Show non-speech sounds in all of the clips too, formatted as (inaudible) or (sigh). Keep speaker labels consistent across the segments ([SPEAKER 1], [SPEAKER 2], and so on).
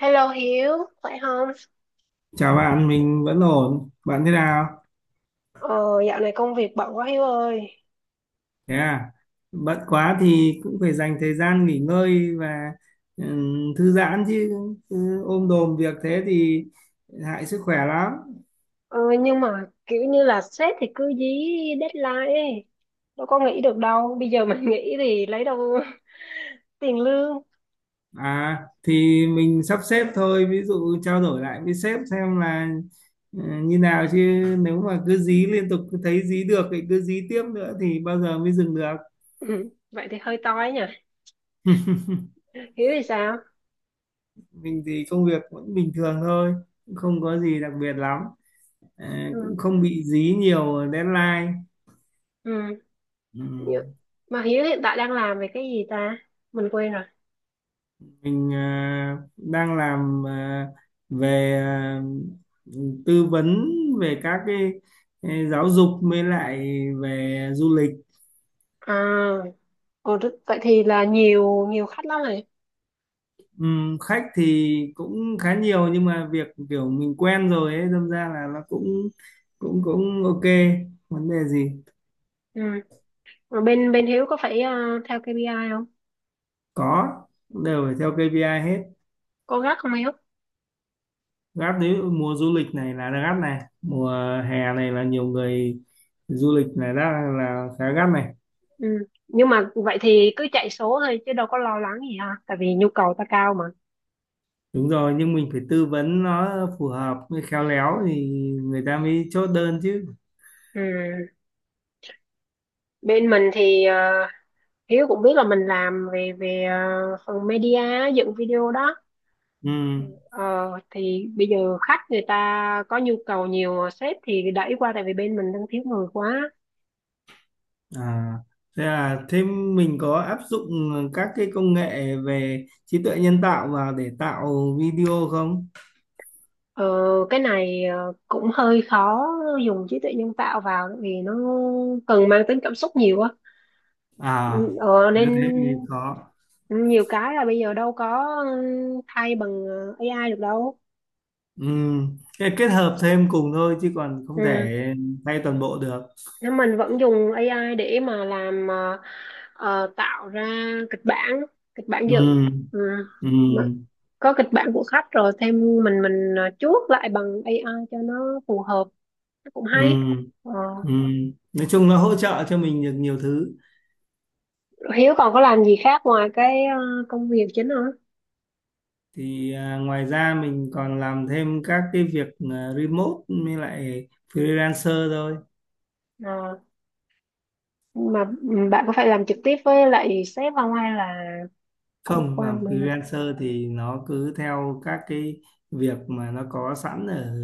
[SPEAKER 1] Hello Hiếu, khỏe không?
[SPEAKER 2] Chào bạn, mình vẫn ổn. Bạn thế nào?
[SPEAKER 1] Ờ, dạo này công việc bận quá Hiếu ơi.
[SPEAKER 2] Thế à? Bận quá thì cũng phải dành thời gian nghỉ ngơi và thư giãn chứ cứ ôm đồm việc thế thì hại sức khỏe lắm.
[SPEAKER 1] Ờ, nhưng mà kiểu như là sếp thì cứ dí deadline ấy. Đâu có nghỉ được đâu. Bây giờ mình nghỉ (laughs) thì lấy đâu (laughs) tiền lương.
[SPEAKER 2] À, thì mình sắp xếp thôi, ví dụ trao đổi lại với sếp xem là như nào chứ, nếu mà cứ dí liên tục cứ thấy dí được thì cứ dí tiếp nữa thì bao giờ mới dừng được.
[SPEAKER 1] Ừ, vậy thì hơi toi nhỉ.
[SPEAKER 2] (laughs)
[SPEAKER 1] Hiếu thì sao?
[SPEAKER 2] Mình thì công việc vẫn bình thường thôi, không có gì đặc biệt lắm. À, cũng
[SPEAKER 1] Ừ,
[SPEAKER 2] không bị dí nhiều deadline.
[SPEAKER 1] ừ.
[SPEAKER 2] Ừ.
[SPEAKER 1] Như- Mà Hiếu hiện tại đang làm về cái gì ta? Mình quên rồi.
[SPEAKER 2] Mình à, đang làm à, về à, tư vấn về các cái giáo dục mới lại về du lịch.
[SPEAKER 1] À, ồ, vậy thì là nhiều nhiều khách lắm này.
[SPEAKER 2] Ừ, khách thì cũng khá nhiều nhưng mà việc kiểu mình quen rồi ấy đâm ra là nó cũng cũng cũng ok, vấn đề gì.
[SPEAKER 1] Ừ. Mà bên bên Hiếu có phải theo KPI không?
[SPEAKER 2] Có, đều phải theo KPI hết.
[SPEAKER 1] Có gắt không Hiếu?
[SPEAKER 2] Gác đấy mùa du lịch này là gắt này, mùa hè này là nhiều người du lịch là đã là khá gắt này.
[SPEAKER 1] Ừ. Nhưng mà vậy thì cứ chạy số thôi chứ đâu có lo lắng gì ha, tại vì nhu cầu ta cao mà.
[SPEAKER 2] Đúng rồi, nhưng mình phải tư vấn nó phù hợp với khéo léo thì người ta mới chốt đơn chứ.
[SPEAKER 1] Ừ. Bên mình thì Hiếu cũng biết là mình làm về về ờ, phần media dựng video đó.
[SPEAKER 2] Ừ.
[SPEAKER 1] Ờ, thì bây giờ khách người ta có nhu cầu nhiều sếp thì đẩy qua tại vì bên mình đang thiếu người quá.
[SPEAKER 2] À, thế là thêm mình có áp dụng các cái công nghệ về trí tuệ nhân tạo vào để tạo video không?
[SPEAKER 1] Ờ, cái này cũng hơi khó dùng trí tuệ nhân tạo vào tại vì nó cần mang tính cảm xúc nhiều á.
[SPEAKER 2] À,
[SPEAKER 1] Ừ, ờ, nên
[SPEAKER 2] nếu thế thì khó.
[SPEAKER 1] nhiều cái là bây giờ đâu có ừ, thay bằng AI được đâu
[SPEAKER 2] Ừ. Thế kết hợp thêm cùng thôi chứ còn không
[SPEAKER 1] ừ.
[SPEAKER 2] thể thay toàn bộ được.
[SPEAKER 1] Nếu mình vẫn dùng AI để mà làm tạo ra kịch bản kịch bản dự
[SPEAKER 2] Ừ.
[SPEAKER 1] ừ.
[SPEAKER 2] Ừ,
[SPEAKER 1] Mà có kịch bản của khách rồi thêm mình chuốt lại bằng AI cho nó phù hợp nó cũng hay.
[SPEAKER 2] ừ,
[SPEAKER 1] Ờ,
[SPEAKER 2] ừ. Nói chung nó hỗ trợ cho mình được nhiều thứ,
[SPEAKER 1] Hiếu còn có làm gì khác ngoài cái công việc chính không?
[SPEAKER 2] thì à, ngoài ra mình còn làm thêm các cái việc à, remote với lại freelancer thôi.
[SPEAKER 1] Ờ, mà ừ, bạn có phải làm trực tiếp với lại sếp không hay là cũng
[SPEAKER 2] Không,
[SPEAKER 1] qua
[SPEAKER 2] làm
[SPEAKER 1] mình?
[SPEAKER 2] freelancer thì nó cứ theo các cái việc mà nó có sẵn ở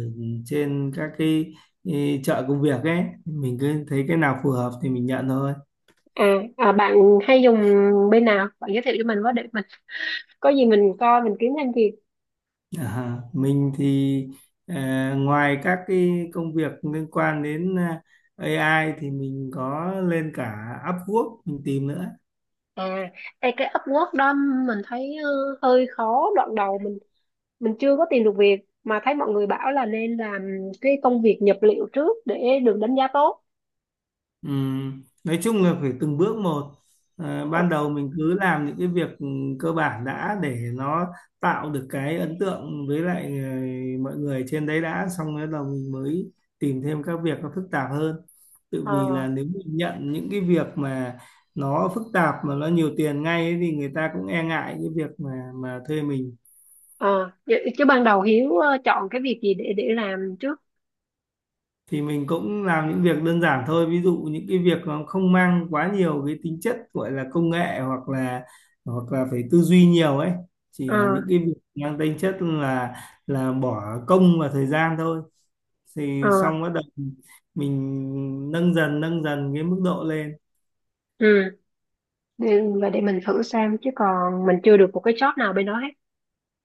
[SPEAKER 2] trên cái chợ công việc ấy, mình cứ thấy cái nào phù hợp thì mình nhận thôi.
[SPEAKER 1] À, à bạn hay dùng bên nào? Bạn giới thiệu cho mình với để mình có gì mình coi mình kiếm thêm việc.
[SPEAKER 2] À, mình thì ờ, ngoài các cái công việc liên quan đến AI thì mình có lên cả Upwork mình tìm nữa.
[SPEAKER 1] À, ê, cái Upwork đó mình thấy hơi khó đoạn đầu mình chưa có tìm được việc mà thấy mọi người bảo là nên làm cái công việc nhập liệu trước để được đánh giá tốt.
[SPEAKER 2] Ừ. Nói chung là phải từng bước một. À,
[SPEAKER 1] Ờ,
[SPEAKER 2] ban đầu mình cứ làm những cái việc ừ, cơ bản đã để nó tạo được cái ấn tượng với lại ừ, mọi người trên đấy đã, xong rồi đầu mình mới tìm thêm các việc nó phức tạp hơn. Tự vì
[SPEAKER 1] ờ,
[SPEAKER 2] là nếu mình nhận những cái việc mà nó phức tạp mà nó nhiều tiền ngay ấy, thì người ta cũng e ngại cái việc mà thuê mình.
[SPEAKER 1] ờ, chứ chứ ban đầu Hiếu chọn cái việc gì để làm trước.
[SPEAKER 2] Thì mình cũng làm những việc đơn giản thôi, ví dụ những cái việc nó không mang quá nhiều cái tính chất gọi là công nghệ, hoặc là phải tư duy nhiều ấy, chỉ
[SPEAKER 1] Ờ,
[SPEAKER 2] là những cái việc mang tính chất là bỏ công và thời gian thôi.
[SPEAKER 1] ờ,
[SPEAKER 2] Thì xong bắt đầu mình nâng dần cái mức độ lên.
[SPEAKER 1] ừ. Và để mình thử xem chứ còn mình chưa được một cái job nào bên đó hết.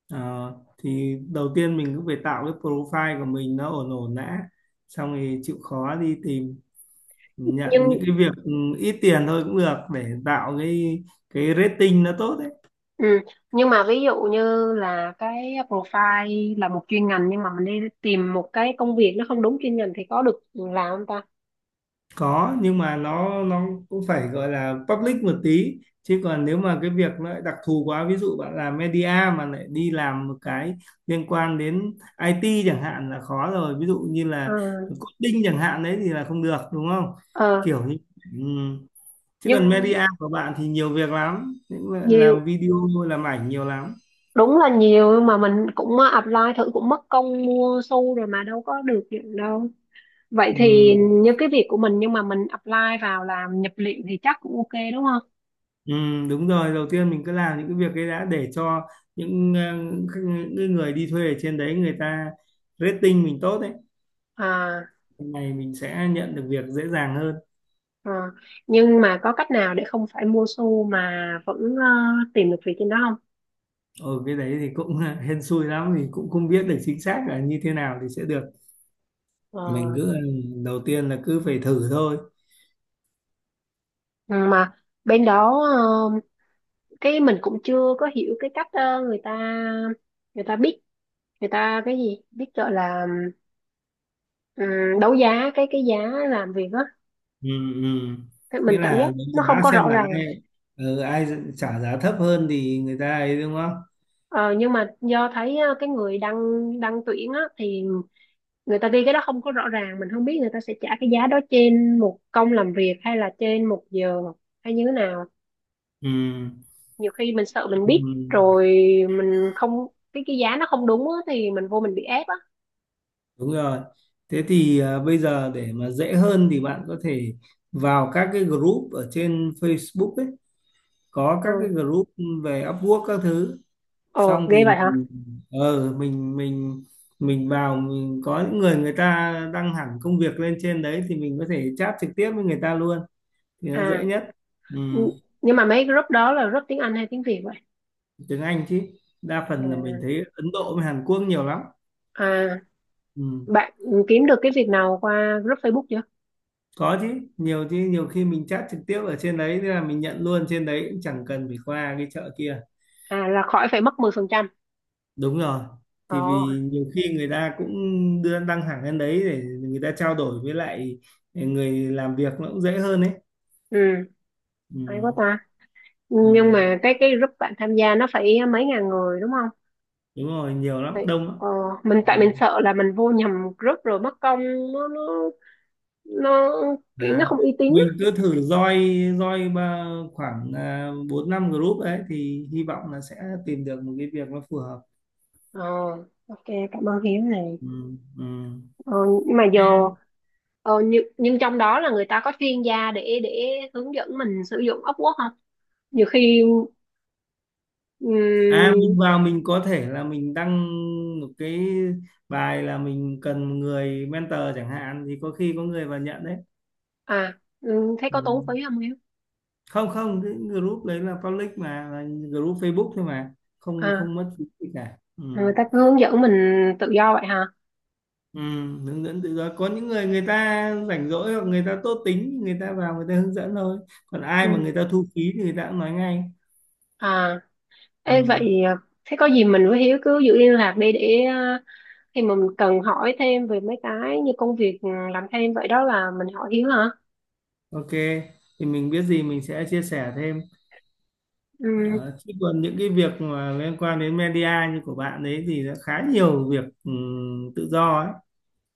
[SPEAKER 2] Ờ, thì đầu tiên mình cũng phải tạo cái profile của mình nó ổn ổn đã, xong thì chịu khó đi tìm nhận những
[SPEAKER 1] Nhưng
[SPEAKER 2] cái việc ừ, ít tiền thôi cũng được, để tạo cái rating nó tốt đấy.
[SPEAKER 1] Ừ. Nhưng mà ví dụ như là cái profile là một chuyên ngành nhưng mà mình đi tìm một cái công việc nó không đúng chuyên ngành thì có được làm không ta?
[SPEAKER 2] Có, nhưng mà nó cũng phải gọi là public một tí, chứ còn nếu mà cái việc nó lại đặc thù quá, ví dụ bạn làm media mà lại đi làm một cái liên quan đến IT chẳng hạn là khó rồi, ví dụ như
[SPEAKER 1] Ờ,
[SPEAKER 2] là coding chẳng hạn đấy thì là không được, đúng không,
[SPEAKER 1] ờ,
[SPEAKER 2] kiểu như ừ. Chứ còn
[SPEAKER 1] nhưng
[SPEAKER 2] media của bạn thì nhiều việc lắm, những bạn
[SPEAKER 1] nhiều,
[SPEAKER 2] làm video làm ảnh nhiều lắm.
[SPEAKER 1] đúng là nhiều nhưng mà mình cũng apply thử cũng mất công mua xu rồi mà đâu có được gì đâu. Vậy
[SPEAKER 2] Ừ.
[SPEAKER 1] thì như cái việc của mình nhưng mà mình apply vào làm nhập liệu thì chắc cũng ok đúng không?
[SPEAKER 2] Ừ, đúng rồi, đầu tiên mình cứ làm những cái việc ấy đã, để cho những các cái người đi thuê ở trên đấy người ta rating mình tốt đấy,
[SPEAKER 1] À,
[SPEAKER 2] này mình sẽ nhận được việc dễ dàng hơn.
[SPEAKER 1] ờ. Nhưng mà có cách nào để không phải mua xu mà vẫn tìm được việc trên đó không?
[SPEAKER 2] Ở cái đấy thì cũng (laughs) hên xui lắm, thì cũng không biết được chính xác là như thế nào thì sẽ được,
[SPEAKER 1] Ờ.
[SPEAKER 2] mình cứ đầu tiên là cứ phải thử thôi.
[SPEAKER 1] Ừ, mà bên đó cái mình cũng chưa có hiểu cái cách người ta biết người ta cái gì biết gọi là đấu giá cái giá làm việc á.
[SPEAKER 2] Ừ, ừ.
[SPEAKER 1] Thế mình
[SPEAKER 2] Nghĩa
[SPEAKER 1] cảm
[SPEAKER 2] là
[SPEAKER 1] giác
[SPEAKER 2] đấu
[SPEAKER 1] nó không
[SPEAKER 2] giá
[SPEAKER 1] có
[SPEAKER 2] xem
[SPEAKER 1] rõ
[SPEAKER 2] là
[SPEAKER 1] ràng.
[SPEAKER 2] ai trả giá thấp hơn thì người ta ấy, đúng không.
[SPEAKER 1] Ờ, nhưng mà do thấy cái người đăng đăng tuyển á thì người ta ghi cái đó không có rõ ràng, mình không biết người ta sẽ trả cái giá đó trên một công làm việc hay là trên một giờ hay như thế nào.
[SPEAKER 2] Ừ.
[SPEAKER 1] Nhiều khi mình sợ mình
[SPEAKER 2] Ừ.
[SPEAKER 1] biết rồi mình không, cái cái giá nó không đúng á, thì mình vô mình bị ép á.
[SPEAKER 2] Đúng rồi. Thế thì à, bây giờ để mà dễ hơn thì bạn có thể vào các cái group ở trên Facebook ấy, có các cái
[SPEAKER 1] Ừ.
[SPEAKER 2] group về Upwork các thứ.
[SPEAKER 1] Ồ,
[SPEAKER 2] Xong
[SPEAKER 1] ghê
[SPEAKER 2] thì
[SPEAKER 1] vậy hả?
[SPEAKER 2] ờ mình mình mình vào, mình có những người người ta đăng hẳn công việc lên trên đấy thì mình có thể chat trực tiếp với người ta luôn thì nó dễ
[SPEAKER 1] À,
[SPEAKER 2] nhất. Ừ,
[SPEAKER 1] nhưng mà mấy group đó là group tiếng Anh hay tiếng Việt vậy?
[SPEAKER 2] tiếng Anh chứ. Đa phần là mình
[SPEAKER 1] À,
[SPEAKER 2] thấy Ấn Độ với Hàn Quốc nhiều lắm.
[SPEAKER 1] à
[SPEAKER 2] Ừ.
[SPEAKER 1] bạn kiếm được cái việc nào qua group Facebook chưa?
[SPEAKER 2] Có chứ, nhiều chứ, nhiều khi mình chat trực tiếp ở trên đấy tức là mình nhận luôn trên đấy, cũng chẳng cần phải qua cái chợ kia.
[SPEAKER 1] À, là khỏi phải mất 10%.
[SPEAKER 2] Đúng rồi, thì
[SPEAKER 1] Ồ,
[SPEAKER 2] vì nhiều khi người ta cũng đưa đăng hàng lên đấy để người ta trao đổi với lại người làm việc nó cũng dễ hơn đấy.
[SPEAKER 1] ừ,
[SPEAKER 2] Ừ,
[SPEAKER 1] hay quá ta. Nhưng
[SPEAKER 2] ừ,
[SPEAKER 1] mà cái group bạn tham gia nó phải mấy ngàn người đúng không?
[SPEAKER 2] đúng rồi, nhiều lắm,
[SPEAKER 1] Vậy,
[SPEAKER 2] đông lắm.
[SPEAKER 1] mình
[SPEAKER 2] Ừ.
[SPEAKER 1] tại mình sợ là mình vô nhầm group rồi mất công nó nó nó kiểu nó
[SPEAKER 2] À,
[SPEAKER 1] không uy tín á.
[SPEAKER 2] mình cứ thử join join khoảng bốn năm group đấy thì hy vọng là sẽ tìm được một cái việc nó phù hợp.
[SPEAKER 1] Ờ, ok, cảm ơn Hiếu này.
[SPEAKER 2] Ừ, ừ.
[SPEAKER 1] Ờ, nhưng mà giờ nhưng trong đó là người ta có chuyên gia để hướng dẫn mình sử dụng ốc guốc không? Nhiều khi
[SPEAKER 2] À,
[SPEAKER 1] ừm,
[SPEAKER 2] mình vào mình có thể là mình đăng một cái bài là mình cần một người mentor chẳng hạn, thì có khi có người vào nhận đấy.
[SPEAKER 1] à thấy
[SPEAKER 2] Ừ.
[SPEAKER 1] có tốn phí không em?
[SPEAKER 2] Không, không, cái group đấy là public mà, là group Facebook thôi mà, không,
[SPEAKER 1] À,
[SPEAKER 2] không mất phí gì cả. Ừ.
[SPEAKER 1] người ta cứ hướng dẫn mình tự do vậy hả?
[SPEAKER 2] Ừ, hướng dẫn tự do, có những người người ta rảnh rỗi hoặc người ta tốt tính người ta vào người ta hướng dẫn thôi, còn ai mà
[SPEAKER 1] Ừ.
[SPEAKER 2] người ta thu phí thì người ta cũng nói ngay.
[SPEAKER 1] À
[SPEAKER 2] Ừ.
[SPEAKER 1] ê, vậy à, thế có gì mình với Hiếu cứ giữ liên lạc đi để à, khi mà mình cần hỏi thêm về mấy cái như công việc ừ, làm thêm vậy đó là mình hỏi Hiếu hả?
[SPEAKER 2] Ok, thì mình biết gì mình sẽ chia sẻ thêm.
[SPEAKER 1] Ừ,
[SPEAKER 2] Đó, chứ còn những cái việc mà liên quan đến media như của bạn ấy thì đã khá nhiều việc tự do ấy,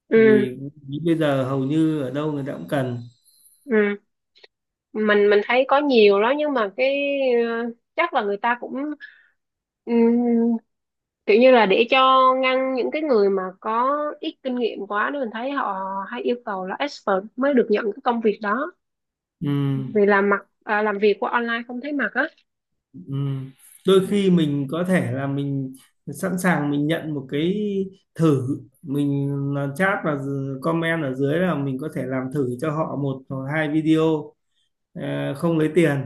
[SPEAKER 1] ừ,
[SPEAKER 2] vì bây giờ hầu như ở đâu người ta cũng cần.
[SPEAKER 1] ừ, mình thấy có nhiều đó nhưng mà cái chắc là người ta cũng ừ, kiểu như là để cho ngăn những cái người mà có ít kinh nghiệm quá nên mình thấy họ hay yêu cầu là expert mới được nhận cái công việc đó.
[SPEAKER 2] Ừm,
[SPEAKER 1] Vì làm mặt à, làm việc qua online không thấy mặt á.
[SPEAKER 2] ừm. Đôi
[SPEAKER 1] Ừ.
[SPEAKER 2] khi mình có thể là mình sẵn sàng mình nhận một cái thử, mình làm chat và comment ở dưới là mình có thể làm thử cho họ một hoặc hai video, không lấy tiền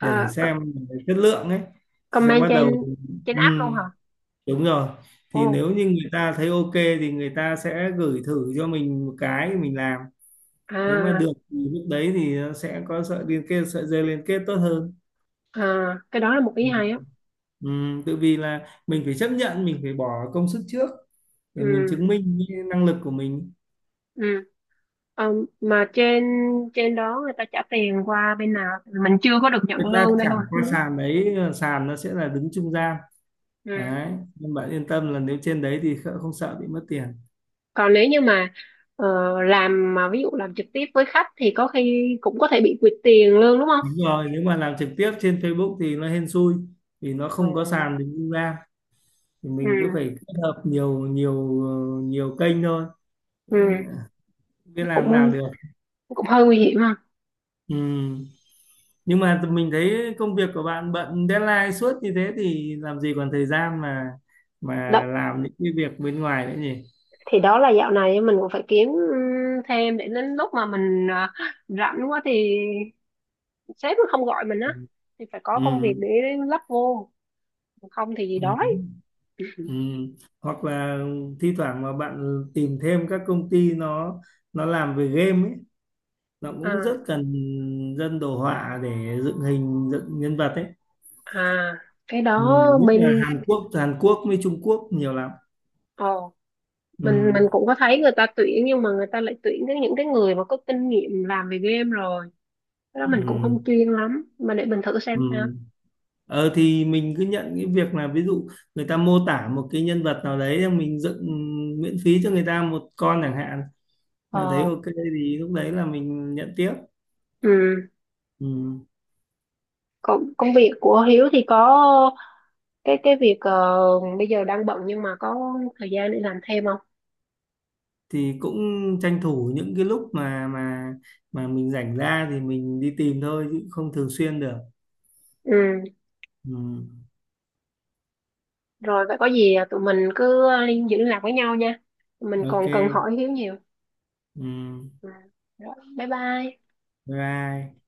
[SPEAKER 2] để
[SPEAKER 1] À,
[SPEAKER 2] xem chất lượng ấy, thì xong
[SPEAKER 1] comment
[SPEAKER 2] bắt
[SPEAKER 1] trên
[SPEAKER 2] đầu.
[SPEAKER 1] trên
[SPEAKER 2] Ừ.
[SPEAKER 1] app luôn hả?
[SPEAKER 2] Đúng rồi.
[SPEAKER 1] Ồ,
[SPEAKER 2] Thì nếu như người ta thấy ok thì người ta sẽ gửi thử cho mình một cái mình làm. Nếu mà
[SPEAKER 1] à,
[SPEAKER 2] được thì lúc đấy thì nó sẽ có sợi liên kết, sợi dây liên kết tốt hơn.
[SPEAKER 1] à cái đó là một ý
[SPEAKER 2] Ừ.
[SPEAKER 1] hay á.
[SPEAKER 2] Ừ, tự vì là mình phải chấp nhận, mình phải bỏ công sức trước để mình chứng
[SPEAKER 1] Ừ,
[SPEAKER 2] minh cái năng lực của mình.
[SPEAKER 1] ừ. Ờ, mà trên trên đó người ta trả tiền qua bên nào mình chưa có được nhận
[SPEAKER 2] Người ta
[SPEAKER 1] lương đây không?
[SPEAKER 2] chẳng qua sàn đấy, sàn nó sẽ là đứng trung gian.
[SPEAKER 1] Ừ,
[SPEAKER 2] Đấy. Nhưng bạn yên tâm là nếu trên đấy thì không sợ bị mất tiền.
[SPEAKER 1] còn nếu như mà ờ, làm mà ví dụ làm trực tiếp với khách thì có khi cũng có thể bị quỵt tiền lương đúng không?
[SPEAKER 2] Đúng rồi, nếu mà làm trực tiếp trên Facebook thì nó hên xui, vì nó
[SPEAKER 1] Ờ,
[SPEAKER 2] không có sàn đứng trung gian. Thì mình cứ
[SPEAKER 1] ừ,
[SPEAKER 2] phải kết hợp nhiều nhiều nhiều kênh thôi,
[SPEAKER 1] ừ
[SPEAKER 2] biết
[SPEAKER 1] nó cũng
[SPEAKER 2] làm nào được.
[SPEAKER 1] cũng hơi nguy hiểm ha.
[SPEAKER 2] Ừ. Nhưng mà tụi mình thấy công việc của bạn bận deadline suốt như thế thì làm gì còn thời gian mà
[SPEAKER 1] Đó
[SPEAKER 2] làm những cái việc bên ngoài nữa nhỉ.
[SPEAKER 1] thì đó là dạo này mình cũng phải kiếm ừ, thêm để đến lúc mà mình à, rảnh quá thì sếp nó không gọi mình á
[SPEAKER 2] Ừ.
[SPEAKER 1] thì phải có công
[SPEAKER 2] Ừ.
[SPEAKER 1] việc để lắp vô, không thì gì
[SPEAKER 2] Ừ.
[SPEAKER 1] đói.
[SPEAKER 2] Ừ. Hoặc là thi thoảng mà bạn tìm thêm các công ty nó làm về game ấy, nó cũng rất
[SPEAKER 1] À,
[SPEAKER 2] cần dân đồ họa để dựng hình dựng nhân vật ấy.
[SPEAKER 1] à cái đó
[SPEAKER 2] Ừ. Nhất là
[SPEAKER 1] bên
[SPEAKER 2] Hàn Quốc Hàn Quốc với Trung Quốc nhiều lắm.
[SPEAKER 1] ờ,
[SPEAKER 2] Ừ.
[SPEAKER 1] mình cũng có thấy người ta tuyển nhưng mà người ta lại tuyển cái những cái người mà có kinh nghiệm làm về game rồi. Cái đó mình cũng
[SPEAKER 2] Ừ.
[SPEAKER 1] không chuyên lắm mà để mình thử
[SPEAKER 2] Ừ.
[SPEAKER 1] xem sao.
[SPEAKER 2] Ờ, thì mình cứ nhận cái việc là ví dụ người ta mô tả một cái nhân vật nào đấy xong mình dựng ừ, miễn phí cho người ta một con chẳng hạn, mà thấy
[SPEAKER 1] Ờ,
[SPEAKER 2] ok thì lúc đấy là mình nhận tiếp.
[SPEAKER 1] ừ,
[SPEAKER 2] Ừ.
[SPEAKER 1] công công việc của Hiếu thì có cái việc bây giờ đang bận nhưng mà có thời gian để làm thêm không?
[SPEAKER 2] Thì cũng tranh thủ những cái lúc mà mình rảnh ra thì mình đi tìm thôi chứ không thường xuyên được.
[SPEAKER 1] Ừ,
[SPEAKER 2] Ừ.
[SPEAKER 1] rồi vậy có gì à, tụi mình cứ giữ liên lạc với nhau nha. Mình
[SPEAKER 2] Ok.
[SPEAKER 1] còn cần hỏi Hiếu nhiều.
[SPEAKER 2] Ừ.
[SPEAKER 1] Ừ. Rồi bye bye.
[SPEAKER 2] Bye bye.